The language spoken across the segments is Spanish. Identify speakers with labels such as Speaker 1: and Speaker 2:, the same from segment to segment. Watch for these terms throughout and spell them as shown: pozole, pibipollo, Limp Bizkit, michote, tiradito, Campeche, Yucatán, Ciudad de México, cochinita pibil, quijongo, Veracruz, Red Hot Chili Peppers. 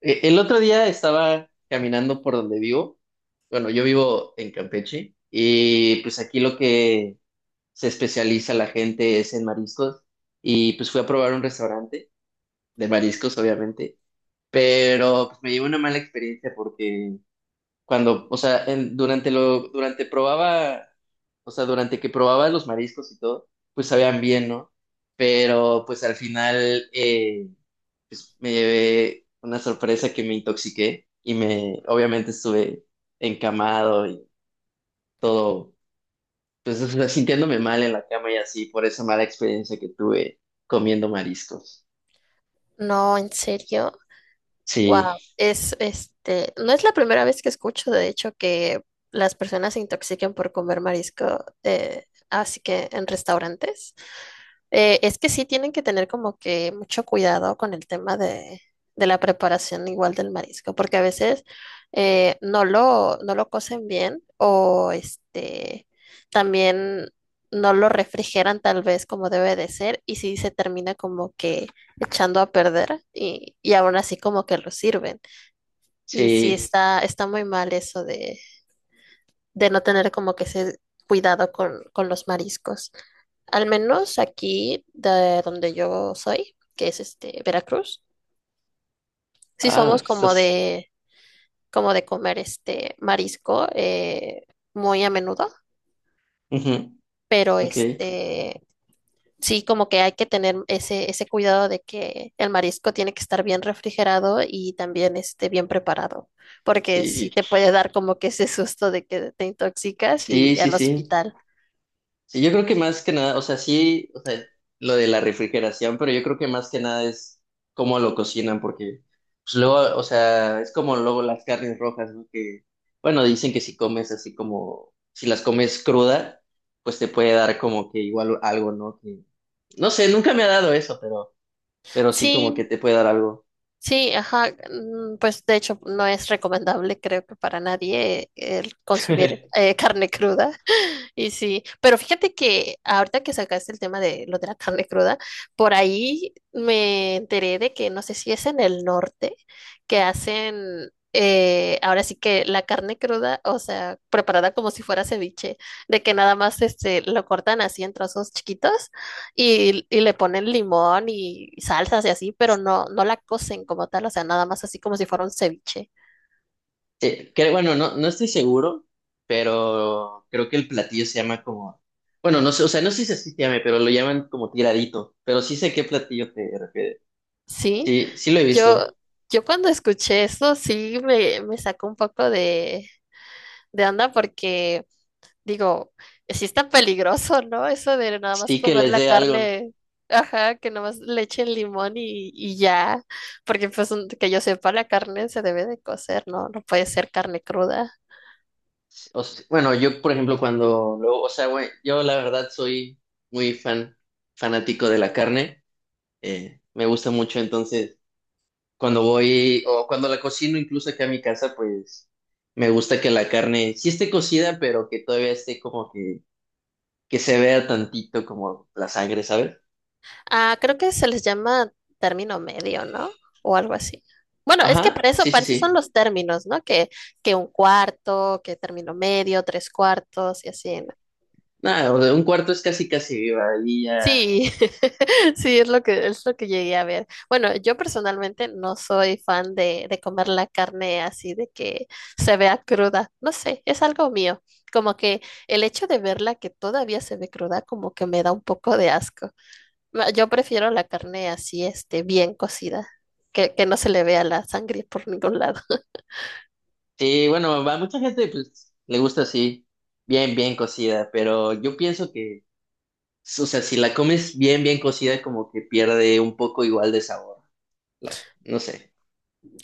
Speaker 1: El otro día estaba caminando por donde vivo. Bueno, yo vivo en Campeche y pues aquí lo que se especializa la gente es en mariscos y pues fui a probar un restaurante de mariscos, obviamente, pero pues me llevó una mala experiencia porque cuando, o sea, en- durante lo, durante probaba, o sea, durante que probaba los mariscos y todo, pues sabían bien, ¿no? Pero pues al final, pues me llevé una sorpresa que me obviamente estuve encamado y todo, pues o sea, sintiéndome mal en la cama y así por esa mala experiencia que tuve comiendo mariscos.
Speaker 2: No, en serio.
Speaker 1: Sí,
Speaker 2: Wow. No es la primera vez que escucho, de hecho, que las personas se intoxiquen por comer marisco, así que en restaurantes. Es que sí tienen que tener como que mucho cuidado con el tema de la preparación igual del marisco, porque a veces no lo cocen bien o también no lo refrigeran tal vez como debe de ser y sí se termina como que echando a perder y aún así como que lo sirven. Y sí
Speaker 1: sí,
Speaker 2: está muy mal eso de no tener como que ese cuidado con los mariscos. Al
Speaker 1: sí.
Speaker 2: menos aquí de donde yo soy, que es Veracruz, sí
Speaker 1: Ah,
Speaker 2: somos
Speaker 1: estás.
Speaker 2: como de comer marisco muy a menudo,
Speaker 1: Ujú,
Speaker 2: pero
Speaker 1: ok.
Speaker 2: sí como que hay que tener ese, ese cuidado de que el marisco tiene que estar bien refrigerado y también bien preparado, porque sí
Speaker 1: Sí,
Speaker 2: te puede dar como que ese susto de que te intoxicas
Speaker 1: sí,
Speaker 2: y
Speaker 1: sí,
Speaker 2: al
Speaker 1: sí.
Speaker 2: hospital.
Speaker 1: Sí, yo creo que más que nada, o sea, sí, o sea, lo de la refrigeración, pero yo creo que más que nada es cómo lo cocinan, porque pues luego, o sea, es como luego las carnes rojas, ¿no? Que, bueno, dicen que si comes así como, si las comes cruda, pues te puede dar como que igual algo, ¿no? Que, no sé, nunca me ha dado eso, pero sí como que
Speaker 2: Sí,
Speaker 1: te puede dar algo.
Speaker 2: sí, ajá, mm, pues de hecho no es recomendable, creo que para nadie, el consumir carne cruda. Y sí, pero fíjate que ahorita que sacaste el tema de lo de la carne cruda, por ahí me enteré de que no sé si es en el norte que hacen, ahora sí que la carne cruda, o sea, preparada como si fuera ceviche, de que nada más lo cortan así en trozos chiquitos y le ponen limón y salsas y así, pero no, no la cocen como tal, o sea, nada más así como si fuera un ceviche.
Speaker 1: Bueno, no, no estoy seguro, pero creo que el platillo se llama como, bueno, no sé, o sea, no sé si así se llame, pero lo llaman como tiradito, pero sí sé qué platillo te refieres.
Speaker 2: ¿Sí?
Speaker 1: Sí, sí lo he
Speaker 2: Yo,
Speaker 1: visto.
Speaker 2: yo cuando escuché eso sí me sacó un poco de onda porque digo, sí está peligroso, ¿no? Eso de nada más
Speaker 1: Sí que
Speaker 2: comer
Speaker 1: les
Speaker 2: la
Speaker 1: dé algo, ¿no?
Speaker 2: carne, ajá, que nada más le echen limón y ya, porque pues que yo sepa, la carne se debe de cocer, ¿no? No puede ser carne cruda.
Speaker 1: Bueno, yo, por ejemplo, cuando luego, o sea, güey, yo la verdad soy muy fan, fanático de la carne, me gusta mucho, entonces, cuando voy, o cuando la cocino incluso acá en mi casa, pues, me gusta que la carne sí esté cocida, pero que todavía esté como que se vea tantito como la sangre, ¿sabes?
Speaker 2: Ah, creo que se les llama término medio, ¿no? O algo así. Bueno, es que
Speaker 1: Ajá, sí, sí,
Speaker 2: para eso son
Speaker 1: sí.
Speaker 2: los términos, ¿no? Que un cuarto, que término medio, tres cuartos y así.
Speaker 1: Nada, o sea, un cuarto es casi, casi viva y ya.
Speaker 2: Sí, sí, es lo que llegué a ver. Bueno, yo personalmente no soy fan de comer la carne así de que se vea cruda. No sé, es algo mío. Como que el hecho de verla que todavía se ve cruda, como que me da un poco de asco. Yo prefiero la carne así, bien cocida, que no se le vea la sangre por ningún lado.
Speaker 1: Sí, bueno, a mucha gente pues, le gusta así, bien, bien cocida, pero yo pienso que, o sea, si la comes bien, bien cocida, como que pierde un poco igual de sabor. La- no sé.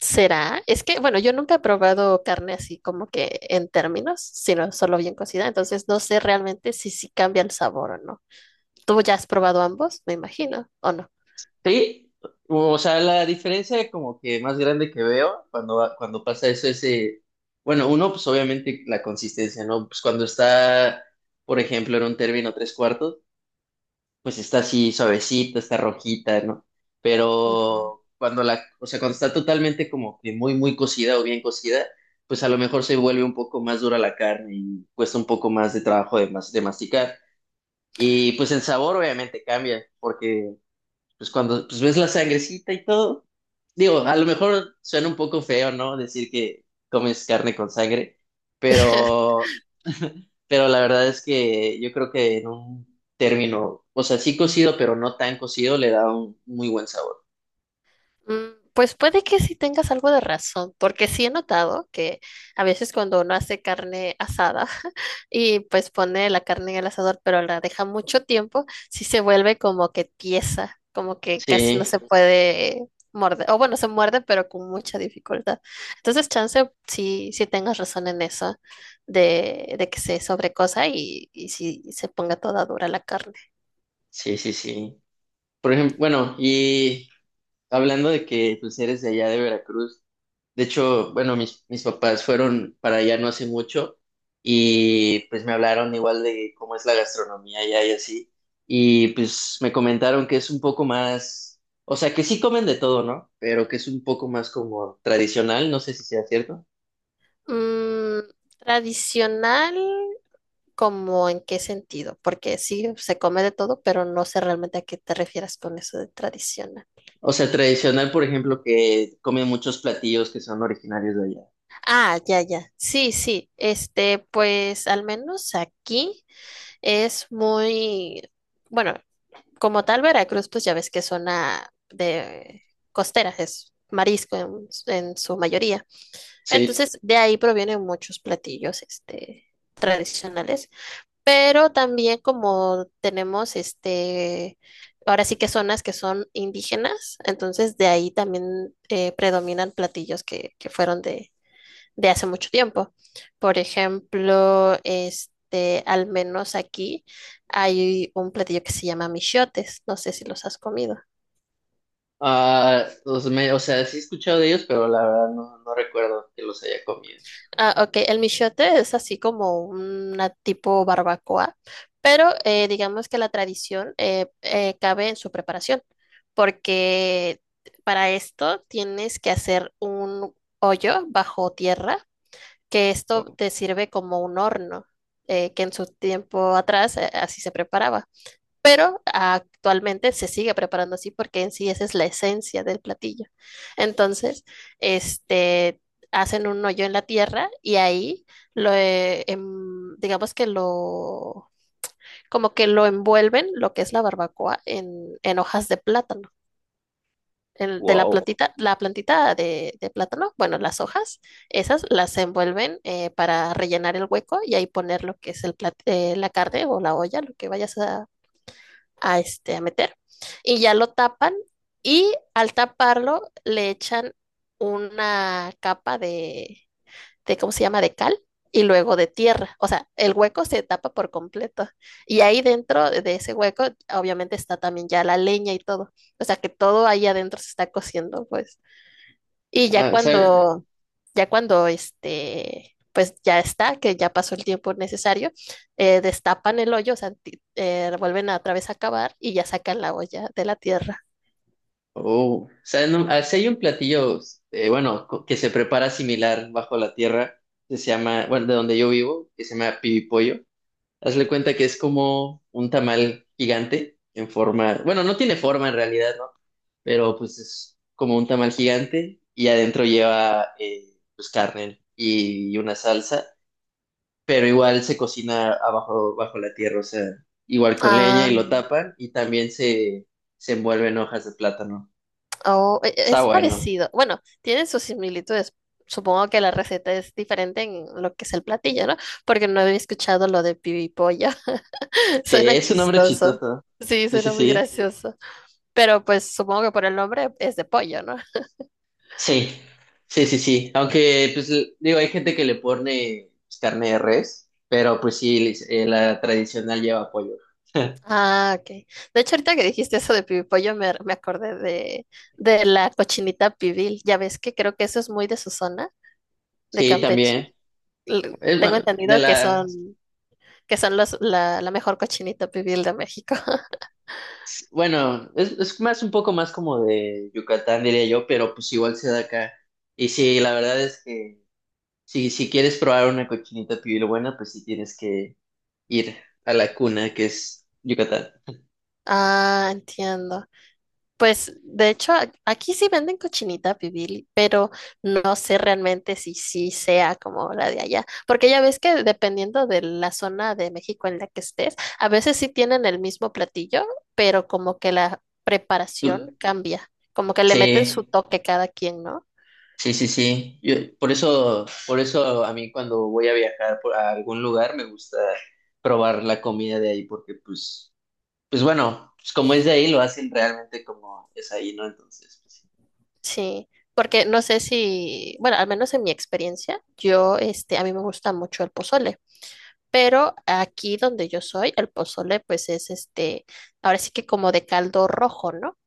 Speaker 2: ¿Será? Es que, bueno, yo nunca he probado carne así como que en términos, sino solo bien cocida, entonces no sé realmente si sí cambia el sabor o no. Tú ya has probado ambos, me imagino, ¿o no?
Speaker 1: Sí, o sea, la diferencia como que más grande que veo cuando, cuando pasa eso es, bueno, uno, pues obviamente la consistencia, ¿no? Pues cuando está por ejemplo, en un término tres cuartos, pues está así suavecita, está rojita, ¿no?
Speaker 2: Ujú.
Speaker 1: Pero cuando la, o sea, cuando está totalmente como que muy, muy cocida o bien cocida, pues a lo mejor se vuelve un poco más dura la carne y cuesta un poco más de trabajo de masticar. Y pues el sabor obviamente cambia, porque pues cuando pues ves la sangrecita y todo, digo, a lo mejor suena un poco feo, ¿no? Decir que comes carne con sangre, pero pero la verdad es que yo creo que en un término, o sea, sí cocido, pero no tan cocido, le da un muy buen sabor.
Speaker 2: Pues puede que sí tengas algo de razón, porque sí he notado que a veces cuando uno hace carne asada y pues pone la carne en el asador, pero la deja mucho tiempo, sí se vuelve como que tiesa, como que casi no
Speaker 1: Sí,
Speaker 2: se puede morder, o bueno, se muerde, pero con mucha dificultad. Entonces, chance, sí, sí tengas razón en eso, de que se sobrecosa y si se ponga toda dura la carne.
Speaker 1: sí, sí, sí. Por ejemplo, bueno, y hablando de que pues eres de allá de Veracruz, de hecho, bueno, mis papás fueron para allá no hace mucho y pues me hablaron igual de cómo es la gastronomía allá y así, y pues me comentaron que es un poco más, o sea, que sí comen de todo, ¿no? Pero que es un poco más como tradicional, no sé si sea cierto.
Speaker 2: Mm, Tradicional, ¿como en qué sentido? Porque sí, se come de todo, pero no sé realmente a qué te refieres con eso de tradicional.
Speaker 1: O sea, tradicional, por ejemplo, que comen muchos platillos que son originarios de allá.
Speaker 2: Ah, ya, ya. Sí, sí. Pues al menos aquí es muy, bueno, como tal Veracruz, pues ya ves que es zona de costera, es marisco en su mayoría.
Speaker 1: Sí.
Speaker 2: Entonces, de ahí provienen muchos platillos, tradicionales. Pero también como tenemos ahora sí que zonas que son indígenas, entonces de ahí también predominan platillos que fueron de hace mucho tiempo. Por ejemplo, al menos aquí hay un platillo que se llama michiotes, no sé si los has comido.
Speaker 1: O sea, sí he escuchado de ellos, pero la verdad no, no recuerdo que los haya comido.
Speaker 2: Ah, ok. El michote es así como una tipo barbacoa, pero digamos que la tradición cabe en su preparación, porque para esto tienes que hacer un hoyo bajo tierra, que esto
Speaker 1: Wow.
Speaker 2: te sirve como un horno, que en su tiempo atrás así se preparaba, pero actualmente se sigue preparando así porque en sí esa es la esencia del platillo. Entonces, este, hacen un hoyo en la tierra y ahí lo, digamos que lo, como que lo envuelven lo que es la barbacoa en hojas de plátano. De
Speaker 1: Wow.
Speaker 2: la plantita de plátano, bueno, las hojas, esas las envuelven para rellenar el hueco y ahí poner lo que es la carne o la olla, lo que vayas a meter. Y ya lo tapan y al taparlo le echan una capa de, ¿cómo se llama?, de cal y luego de tierra. O sea, el hueco se tapa por completo. Y ahí dentro de ese hueco, obviamente está también ya la leña y todo. O sea, que todo ahí adentro se está cociendo, pues. Y
Speaker 1: Ah, ¿sabe?
Speaker 2: ya cuando pues ya está, que ya pasó el tiempo necesario, destapan el hoyo, o sea, vuelven a otra vez a cavar y ya sacan la olla de la tierra.
Speaker 1: Oh. Sí hay un platillo, que se prepara similar bajo la tierra, que se llama, bueno, de donde yo vivo, que se llama pibipollo. Hazle cuenta que es como un tamal gigante en forma, bueno, no tiene forma en realidad, pero pues es como un tamal gigante y adentro lleva pues carne y una salsa, pero igual se cocina abajo, bajo la tierra, o sea, igual con leña
Speaker 2: Ah,
Speaker 1: y lo tapan y también se envuelve en hojas de plátano.
Speaker 2: oh,
Speaker 1: Está
Speaker 2: es
Speaker 1: bueno.
Speaker 2: parecido. Bueno, tienen sus similitudes. Supongo que la receta es diferente en lo que es el platillo, ¿no? Porque no había escuchado lo de pibipolla.
Speaker 1: Sí,
Speaker 2: Suena
Speaker 1: es un nombre
Speaker 2: chistoso.
Speaker 1: chistoso.
Speaker 2: Sí,
Speaker 1: Sí, sí,
Speaker 2: suena muy
Speaker 1: sí.
Speaker 2: gracioso. Pero pues supongo que por el nombre es de pollo, ¿no?
Speaker 1: Sí, sí, sí, sí. Aunque, pues, digo, hay gente que le pone pues, carne de res, pero pues sí, la tradicional lleva pollo.
Speaker 2: Ah, ok. De hecho, ahorita que dijiste eso de pibipollo, me acordé de la cochinita pibil. Ya ves que creo que eso es muy de su zona, de
Speaker 1: Sí,
Speaker 2: Campeche.
Speaker 1: también. Es
Speaker 2: Tengo
Speaker 1: bueno, de
Speaker 2: entendido
Speaker 1: la,
Speaker 2: que son la mejor cochinita pibil de México.
Speaker 1: Bueno, es más un poco más como de Yucatán, diría yo, pero pues igual se da acá. Y sí, la verdad es que si, si quieres probar una cochinita pibil buena, pues sí tienes que ir a la cuna, que es Yucatán.
Speaker 2: Ah, entiendo. Pues de hecho aquí sí venden cochinita pibil, pero no sé realmente si sí sea como la de allá, porque ya ves que dependiendo de la zona de México en la que estés, a veces sí tienen el mismo platillo, pero como que la
Speaker 1: Tú-
Speaker 2: preparación cambia, como que le meten su
Speaker 1: Sí,
Speaker 2: toque cada quien, ¿no?
Speaker 1: sí, sí, sí. Por eso, por eso a mí cuando voy a viajar por, a algún lugar me gusta probar la comida de ahí, porque pues, pues bueno, pues como es de ahí, lo hacen realmente como es ahí, ¿no? Entonces, pues, sí.
Speaker 2: Sí, porque no sé si, bueno, al menos en mi experiencia, yo este a mí me gusta mucho el pozole. Pero aquí donde yo soy, el pozole pues es ahora sí que como de caldo rojo, ¿no?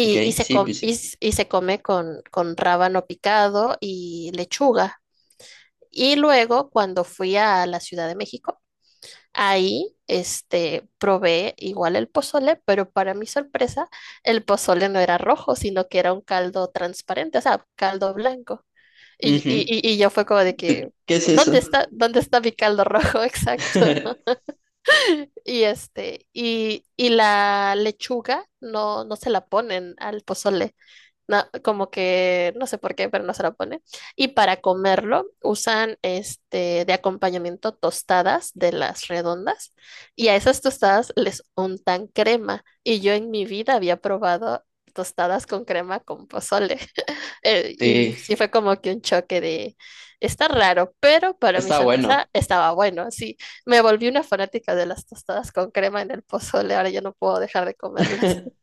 Speaker 1: Ok,
Speaker 2: y, se,
Speaker 1: sí,
Speaker 2: com-
Speaker 1: pues
Speaker 2: y,
Speaker 1: sí.
Speaker 2: s- y se come con rábano picado y lechuga. Y luego cuando fui a la Ciudad de México, ahí probé igual el pozole, pero para mi sorpresa, el pozole no era rojo, sino que era un caldo transparente, o sea, caldo blanco. Y, y,
Speaker 1: Ujú.
Speaker 2: y y yo fue como de que,
Speaker 1: ¿Qué es eso?
Speaker 2: dónde está mi caldo rojo? Exacto. Y la lechuga no, no se la ponen al pozole, como que no sé por qué, pero no se lo pone. Y para comerlo usan de acompañamiento tostadas de las redondas y a esas tostadas les untan crema. Y yo en mi vida había probado tostadas con crema con pozole. Y
Speaker 1: Sí,
Speaker 2: sí fue como que un choque de, está raro, pero para mi
Speaker 1: está bueno.
Speaker 2: sorpresa estaba bueno. Sí, me volví una fanática de las tostadas con crema en el pozole, ahora ya no puedo dejar de comerlas.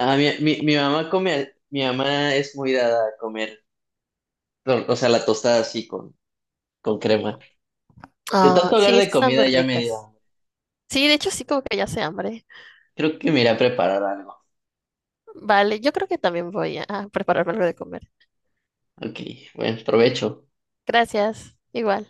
Speaker 1: Ah, mi mamá come, mi mamá es muy dada a comer, o sea, la tostada así con crema. De
Speaker 2: Ah,
Speaker 1: tanto hablar
Speaker 2: sí, es
Speaker 1: de
Speaker 2: que están muy
Speaker 1: comida ya me
Speaker 2: ricas.
Speaker 1: dio.
Speaker 2: Sí, de hecho sí como que ya sé hambre.
Speaker 1: Creo que me iré a preparar algo.
Speaker 2: Vale, yo creo que también voy a prepararme algo de comer.
Speaker 1: Ok, bueno, provecho.
Speaker 2: Gracias, igual.